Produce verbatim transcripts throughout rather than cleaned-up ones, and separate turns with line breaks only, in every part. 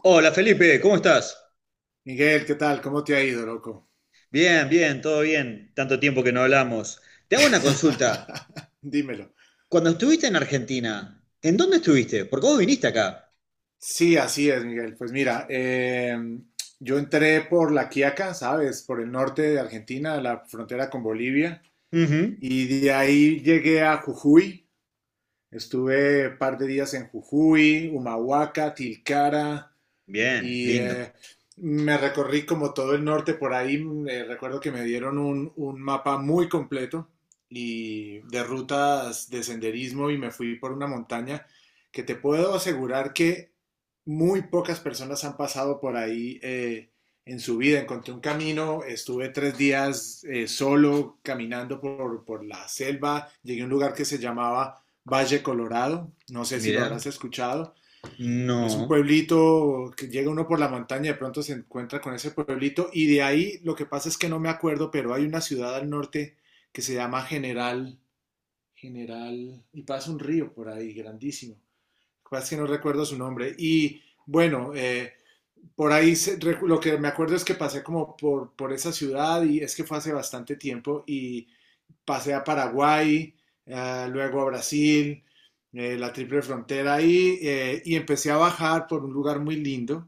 Hola Felipe, ¿cómo estás?
Miguel, ¿qué tal? ¿Cómo te ha ido, loco?
Bien, bien, todo bien. Tanto tiempo que no hablamos. Te hago una consulta.
Dímelo.
Cuando estuviste en Argentina, ¿en dónde estuviste? Porque vos viniste acá.
Sí, así es, Miguel. Pues mira, eh, yo entré por La Quiaca, ¿sabes? Por el norte de Argentina, la frontera con Bolivia,
Ujú.
y de ahí llegué a Jujuy. Estuve un par de días en Jujuy, Humahuaca, Tilcara,
Bien,
y
lindo.
eh, me recorrí como todo el norte por ahí. Mm, eh, recuerdo que me dieron un, un mapa muy completo y de rutas de senderismo y me fui por una montaña que te puedo asegurar que muy pocas personas han pasado por ahí eh, en su vida. Encontré un camino, estuve tres días eh, solo caminando por, por la selva, llegué a un lugar que se llamaba Valle Colorado, no sé si lo
Mirá.
habrás escuchado. Es un
No.
pueblito que llega uno por la montaña, de pronto se encuentra con ese pueblito, y de ahí lo que pasa es que no me acuerdo, pero hay una ciudad al norte que se llama General, General, y pasa un río por ahí grandísimo. Lo que pasa es que no recuerdo su nombre. Y bueno, eh, por ahí se- recu- lo que me acuerdo es que pasé como por, por esa ciudad, y es que fue hace bastante tiempo, y pasé a Paraguay, eh, luego a Brasil, eh, la triple frontera, y, eh, y empecé a bajar por un lugar muy lindo,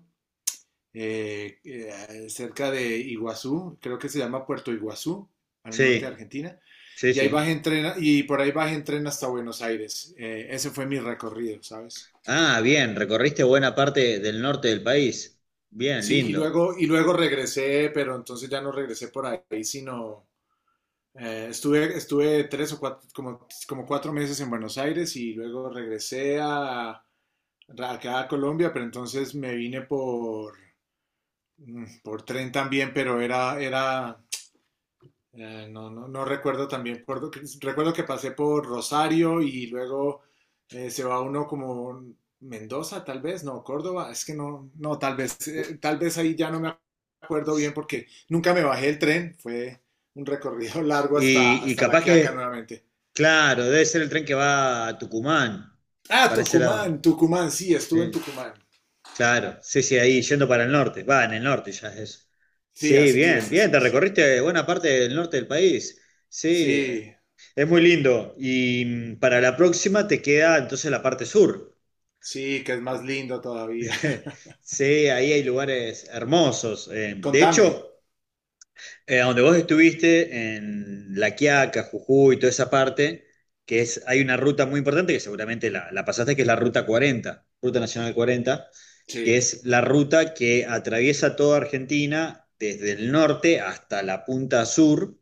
eh, eh, cerca de Iguazú, creo que se llama Puerto Iguazú, al norte de
Sí,
Argentina.
sí,
Y ahí
sí.
bajé en tren, y por ahí bajé en tren hasta Buenos Aires. Eh, ese fue mi recorrido, ¿sabes?
Ah, bien, recorriste buena parte del norte del país. Bien,
Sí, y
lindo.
luego, y luego regresé, pero entonces ya no regresé por ahí, sino Eh, estuve, estuve tres o cuatro, como, como cuatro meses en Buenos Aires, y luego regresé a, acá a Colombia, pero entonces me vine por, mm, por tren también, pero era, era eh, no, no, no, recuerdo también, recuerdo que, recuerdo que pasé por Rosario, y luego eh, se va uno como Mendoza, tal vez, no, Córdoba, es que no, no, tal vez, eh, tal vez ahí ya no me acuerdo bien porque nunca me bajé el tren, fue un recorrido largo hasta,
Y, y
hasta La
capaz
Quiaca
que,
nuevamente.
claro, debe ser el tren que va a Tucumán,
Ah,
para ese lado.
Tucumán, Tucumán, sí, estuve en
Sí.
Tucumán.
Claro, sí, sí, ahí yendo para el norte, va, en el norte ya es eso.
Sí,
Sí,
así
bien,
es, así
bien, te
es.
recorriste buena parte del norte del país. Sí,
Sí,
es muy lindo. Y mm, para la próxima te queda entonces la parte sur.
sí, que es más lindo todavía.
Sí, ahí hay lugares hermosos. Eh, de
Contame.
hecho, eh, donde vos estuviste, en La Quiaca, Jujuy, toda esa parte, que es, hay una ruta muy importante que seguramente la, la pasaste, que es la Ruta cuarenta, Ruta Nacional cuarenta,
Sí,
que es la ruta que atraviesa toda Argentina desde el norte hasta la punta sur,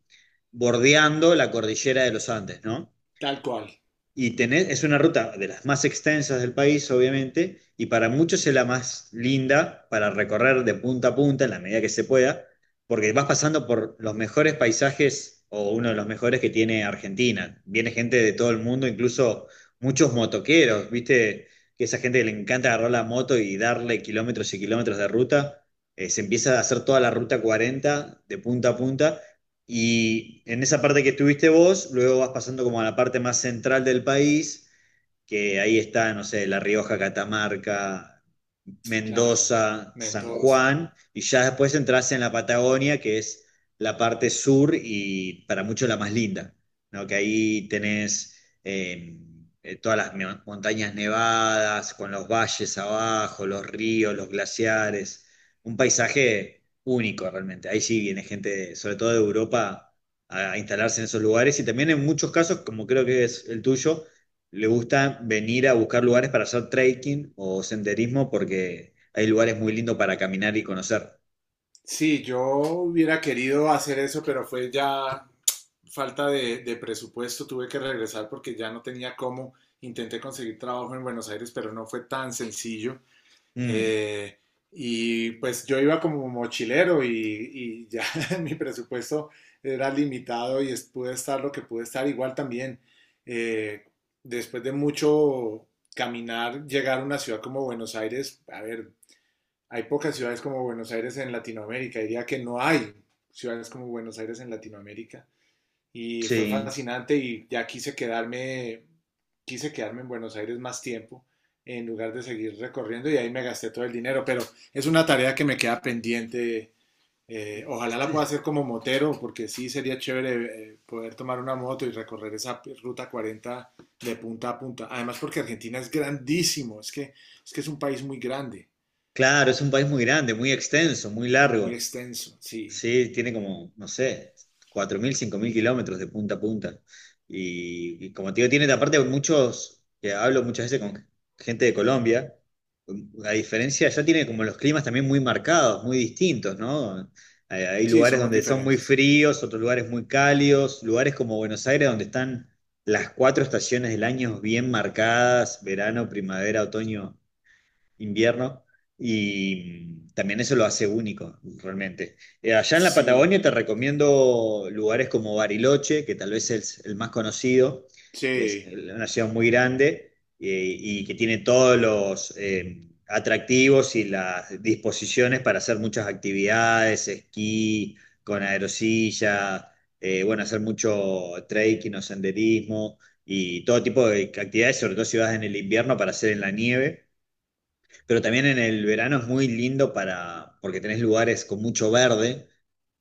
bordeando la cordillera de los Andes, ¿no?
tal cual.
Y tenés, es una ruta de las más extensas del país, obviamente, y para muchos es la más linda para recorrer de punta a punta en la medida que se pueda, porque vas pasando por los mejores paisajes o uno de los mejores que tiene Argentina. Viene gente de todo el mundo, incluso muchos motoqueros, ¿viste? Que esa gente que le encanta agarrar la moto y darle kilómetros y kilómetros de ruta. Eh, se empieza a hacer toda la ruta cuarenta de punta a punta y en esa parte que estuviste vos, luego vas pasando como a la parte más central del país que ahí está, no sé, La Rioja, Catamarca,
Claro,
Mendoza, San
Mendoza.
Juan, y ya después entras en la Patagonia, que es la parte sur y para muchos la más linda, ¿no? Que ahí tenés eh, eh, todas las me- montañas nevadas, con los valles abajo, los ríos, los glaciares, un paisaje único realmente. Ahí sí viene gente, sobre todo de Europa, a a instalarse en esos lugares y también en muchos casos, como creo que es el tuyo, le gusta venir a buscar lugares para hacer trekking o senderismo porque hay lugares muy lindos para caminar y conocer.
Sí, yo hubiera querido hacer eso, pero fue ya falta de, de presupuesto. Tuve que regresar porque ya no tenía cómo. Intenté conseguir trabajo en Buenos Aires, pero no fue tan sencillo.
Mm,
Eh, y pues yo iba como mochilero, y, y ya mi presupuesto era limitado y es- pude estar lo que pude estar. Igual también, eh, después de mucho caminar, llegar a una ciudad como Buenos Aires, a ver, hay pocas ciudades como Buenos Aires en Latinoamérica, diría que no hay ciudades como Buenos Aires en Latinoamérica, y fue
sí,
fascinante y ya quise quedarme, quise quedarme en Buenos Aires más tiempo en lugar de seguir recorriendo, y ahí me gasté todo el dinero, pero es una tarea que me queda pendiente. Eh, ojalá la pueda hacer como motero, porque sí sería chévere eh, poder tomar una moto y recorrer esa ruta cuarenta de punta a punta. Además, porque Argentina es grandísimo, es que es, que es un país muy grande,
claro, es un país muy grande, muy extenso, muy
muy
largo.
extenso. Sí,
Sí, tiene como, no sé, cuatro mil, cinco mil kilómetros de punta a punta. Y, y como te digo, tiene aparte muchos, que hablo muchas veces con gente de Colombia, la diferencia ya tiene como los climas también muy marcados, muy distintos, ¿no? Hay, hay
sí,
lugares
somos
donde son muy
diferentes.
fríos, otros lugares muy cálidos, lugares como Buenos Aires donde están las cuatro estaciones del año bien marcadas, verano, primavera, otoño invierno, y también eso lo hace único, realmente. Eh, allá en la
Sí,
Patagonia te recomiendo lugares como Bariloche, que tal vez es el más conocido, es
sí,
el- una ciudad muy grande eh, y que tiene todos los eh, atractivos y las disposiciones para hacer muchas actividades, esquí, con aerosilla, eh, bueno, hacer mucho trekking o senderismo y todo tipo de actividades, sobre todo si vas en el invierno para hacer en la nieve. Pero también en el verano es muy lindo para, porque tenés lugares con mucho verde,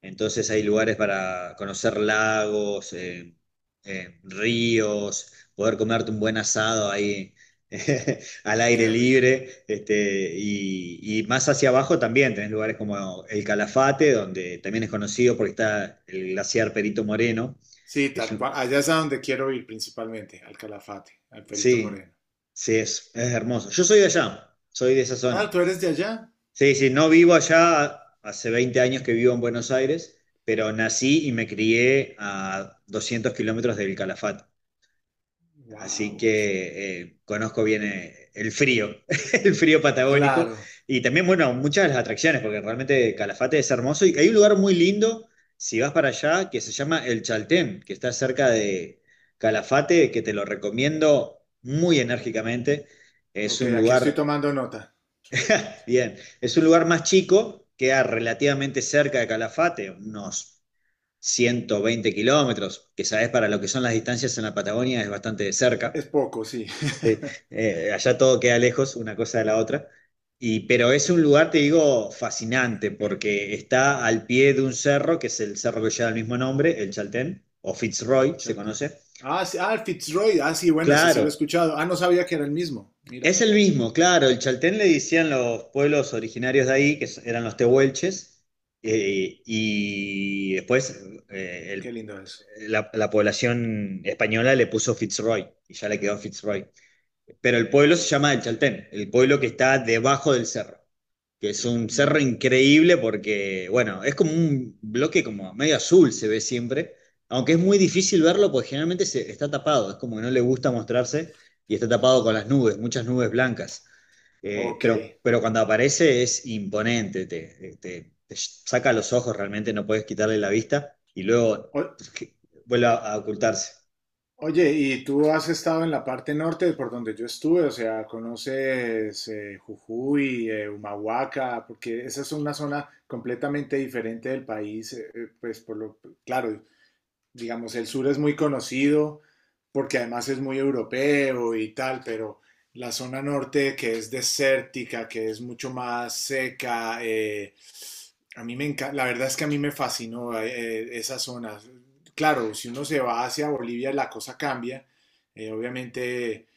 entonces hay lugares para conocer lagos, eh, eh, ríos, poder comerte un buen asado ahí al aire
qué rico.
libre, este, y, y más hacia abajo también tenés lugares como el Calafate, donde también es conocido porque está el glaciar Perito Moreno,
Sí,
que es
tal cual.
un,
Allá es a donde quiero ir principalmente, al Calafate, al Perito
sí,
Moreno.
sí, es, es hermoso. Yo soy de allá, soy de esa
Ah,
zona.
tú eres de allá.
Sí, sí, no vivo allá, hace veinte años que vivo en Buenos Aires, pero nací y me crié a doscientos kilómetros del Calafate. Así
Wow.
que eh, conozco bien eh, el frío, el frío patagónico.
Claro.
Y también, bueno, muchas de las atracciones, porque realmente Calafate es hermoso. Y hay un lugar muy lindo, si vas para allá, que se llama El Chaltén, que está cerca de Calafate, que te lo recomiendo muy enérgicamente. Es
Ok,
un
aquí estoy
lugar.
tomando nota.
Bien, es un lugar más chico, queda relativamente cerca de Calafate, unos ciento veinte kilómetros, que sabes para lo que son las distancias en la Patagonia es bastante de cerca.
Es poco, sí.
Eh, eh, allá todo queda lejos, una cosa de la otra. Y, pero es un lugar, te digo, fascinante, porque está al pie de un cerro, que es el cerro que lleva el mismo nombre, el Chaltén, o Fitzroy, se
Charlton.
conoce.
Ah, sí, ah, el Fitzroy. Ah, sí, bueno, ese sí lo he
Claro,
escuchado. Ah, no sabía que era el mismo. Mira,
es el mismo, claro, el chaltén le decían los pueblos originarios de ahí, que s- eran los tehuelches, eh, y después eh,
qué
el-
lindo eso.
la, la población española le puso Fitzroy, y ya le quedó Fitzroy pero el pueblo se llama El Chaltén, el pueblo que está debajo del cerro, que es un cerro
Mm.
increíble porque, bueno, es como un bloque como medio azul se ve siempre, aunque es muy difícil verlo porque generalmente se, está tapado, es como que no le gusta mostrarse y está tapado con las nubes, muchas nubes blancas. Eh,
Ok.
pero, pero cuando aparece es imponente, te, te- te saca los ojos realmente, no puedes quitarle la vista y luego
O-
vuelve a, a ocultarse.
Oye, ¿y tú has estado en la parte norte por donde yo estuve? O sea, ¿conoces eh, Jujuy, eh, Humahuaca? Porque esa es una zona completamente diferente del país, eh, eh, pues por lo, claro, digamos, el sur es muy conocido porque además es muy europeo y tal, pero la zona norte que es desértica, que es mucho más seca, eh, a mí me encanta, la verdad es que a mí me fascinó eh, esa zona. Claro, si uno se va hacia Bolivia la cosa cambia, eh, obviamente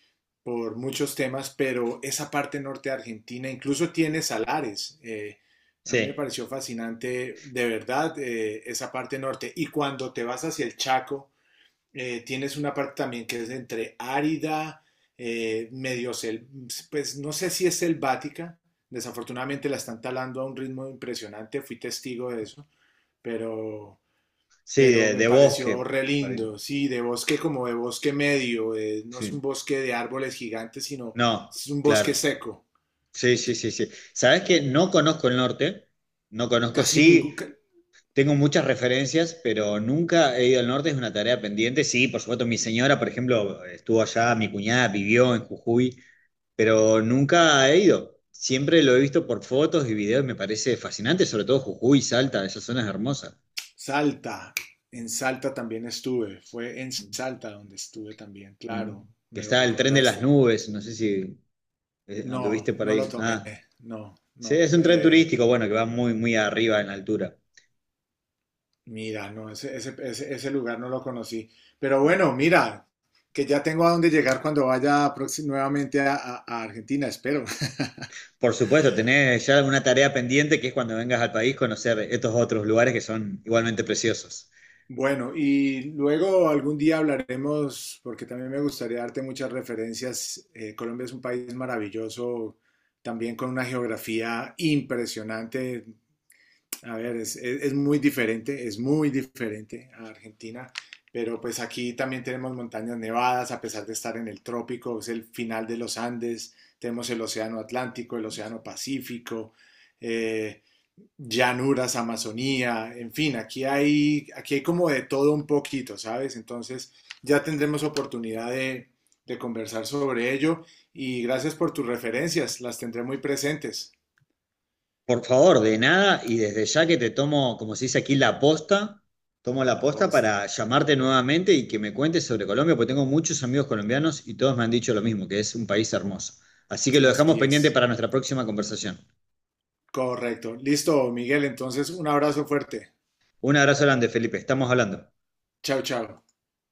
por muchos temas, pero esa parte norte de Argentina incluso tiene salares. Eh, a mí me
Sí,
pareció fascinante, de verdad, eh, esa parte norte. Y cuando te vas hacia el Chaco, eh, tienes una parte también que es entre árida, eh, medio, sel pues no sé si es selvática. Desafortunadamente la están talando a un ritmo impresionante, fui testigo de eso, pero
sí,
pero
de,
me
de
pareció
bosque.
re
Por ahí,
lindo, sí, de bosque, como de bosque medio, eh, no es un
sí.
bosque de árboles gigantes, sino
No,
es un bosque
claro.
seco,
Sí, sí, sí, sí. Sabes que no conozco el norte, no conozco,
casi ningún.
sí,
ca-
tengo muchas referencias, pero nunca he ido al norte, es una tarea pendiente. Sí, por supuesto, mi señora, por ejemplo, estuvo allá, mi cuñada vivió en Jujuy, pero nunca he ido. Siempre lo he visto por fotos y videos, me parece fascinante, sobre todo Jujuy, Salta, esas zonas hermosas.
Salta, en Salta también estuve, fue en Salta donde estuve también,
Mm.
claro,
Que
me lo
está el tren de las
recordaste.
nubes, no sé si eh,
No,
anduviste por
no lo
ahí.
tomé,
Ah,
no,
sí,
no,
es un tren
eh,
turístico, bueno, que va muy, muy arriba en altura.
mira, no, ese, ese, ese, ese lugar no lo conocí, pero bueno, mira, que ya tengo a dónde llegar cuando vaya próxim- nuevamente a a- a Argentina, espero.
Por supuesto, tener ya una tarea pendiente que es cuando vengas al país conocer estos otros lugares que son igualmente preciosos.
Bueno, y luego algún día hablaremos, porque también me gustaría darte muchas referencias. Eh, Colombia es un país maravilloso, también con una geografía impresionante. A ver, es, es- es muy diferente, es muy diferente a Argentina, pero pues aquí también tenemos montañas nevadas, a pesar de estar en el trópico, es el final de los Andes, tenemos el Océano Atlántico, el Océano Pacífico, eh, llanuras, Amazonía, en fin, aquí hay, aquí hay como de todo un poquito, ¿sabes? Entonces ya tendremos oportunidad de, de conversar sobre ello, y gracias por tus referencias, las tendré muy presentes.
Por favor, de nada y desde ya que te tomo, como se dice aquí, la posta, tomo la
La
posta
posta,
para llamarte nuevamente y que me cuentes sobre Colombia, porque tengo muchos amigos colombianos y todos me han dicho lo mismo, que es un país hermoso. Así que lo dejamos
así
pendiente
es.
para nuestra próxima conversación.
Correcto. Listo, Miguel, entonces un abrazo fuerte.
Un abrazo grande, Felipe, estamos hablando.
Chao, chao.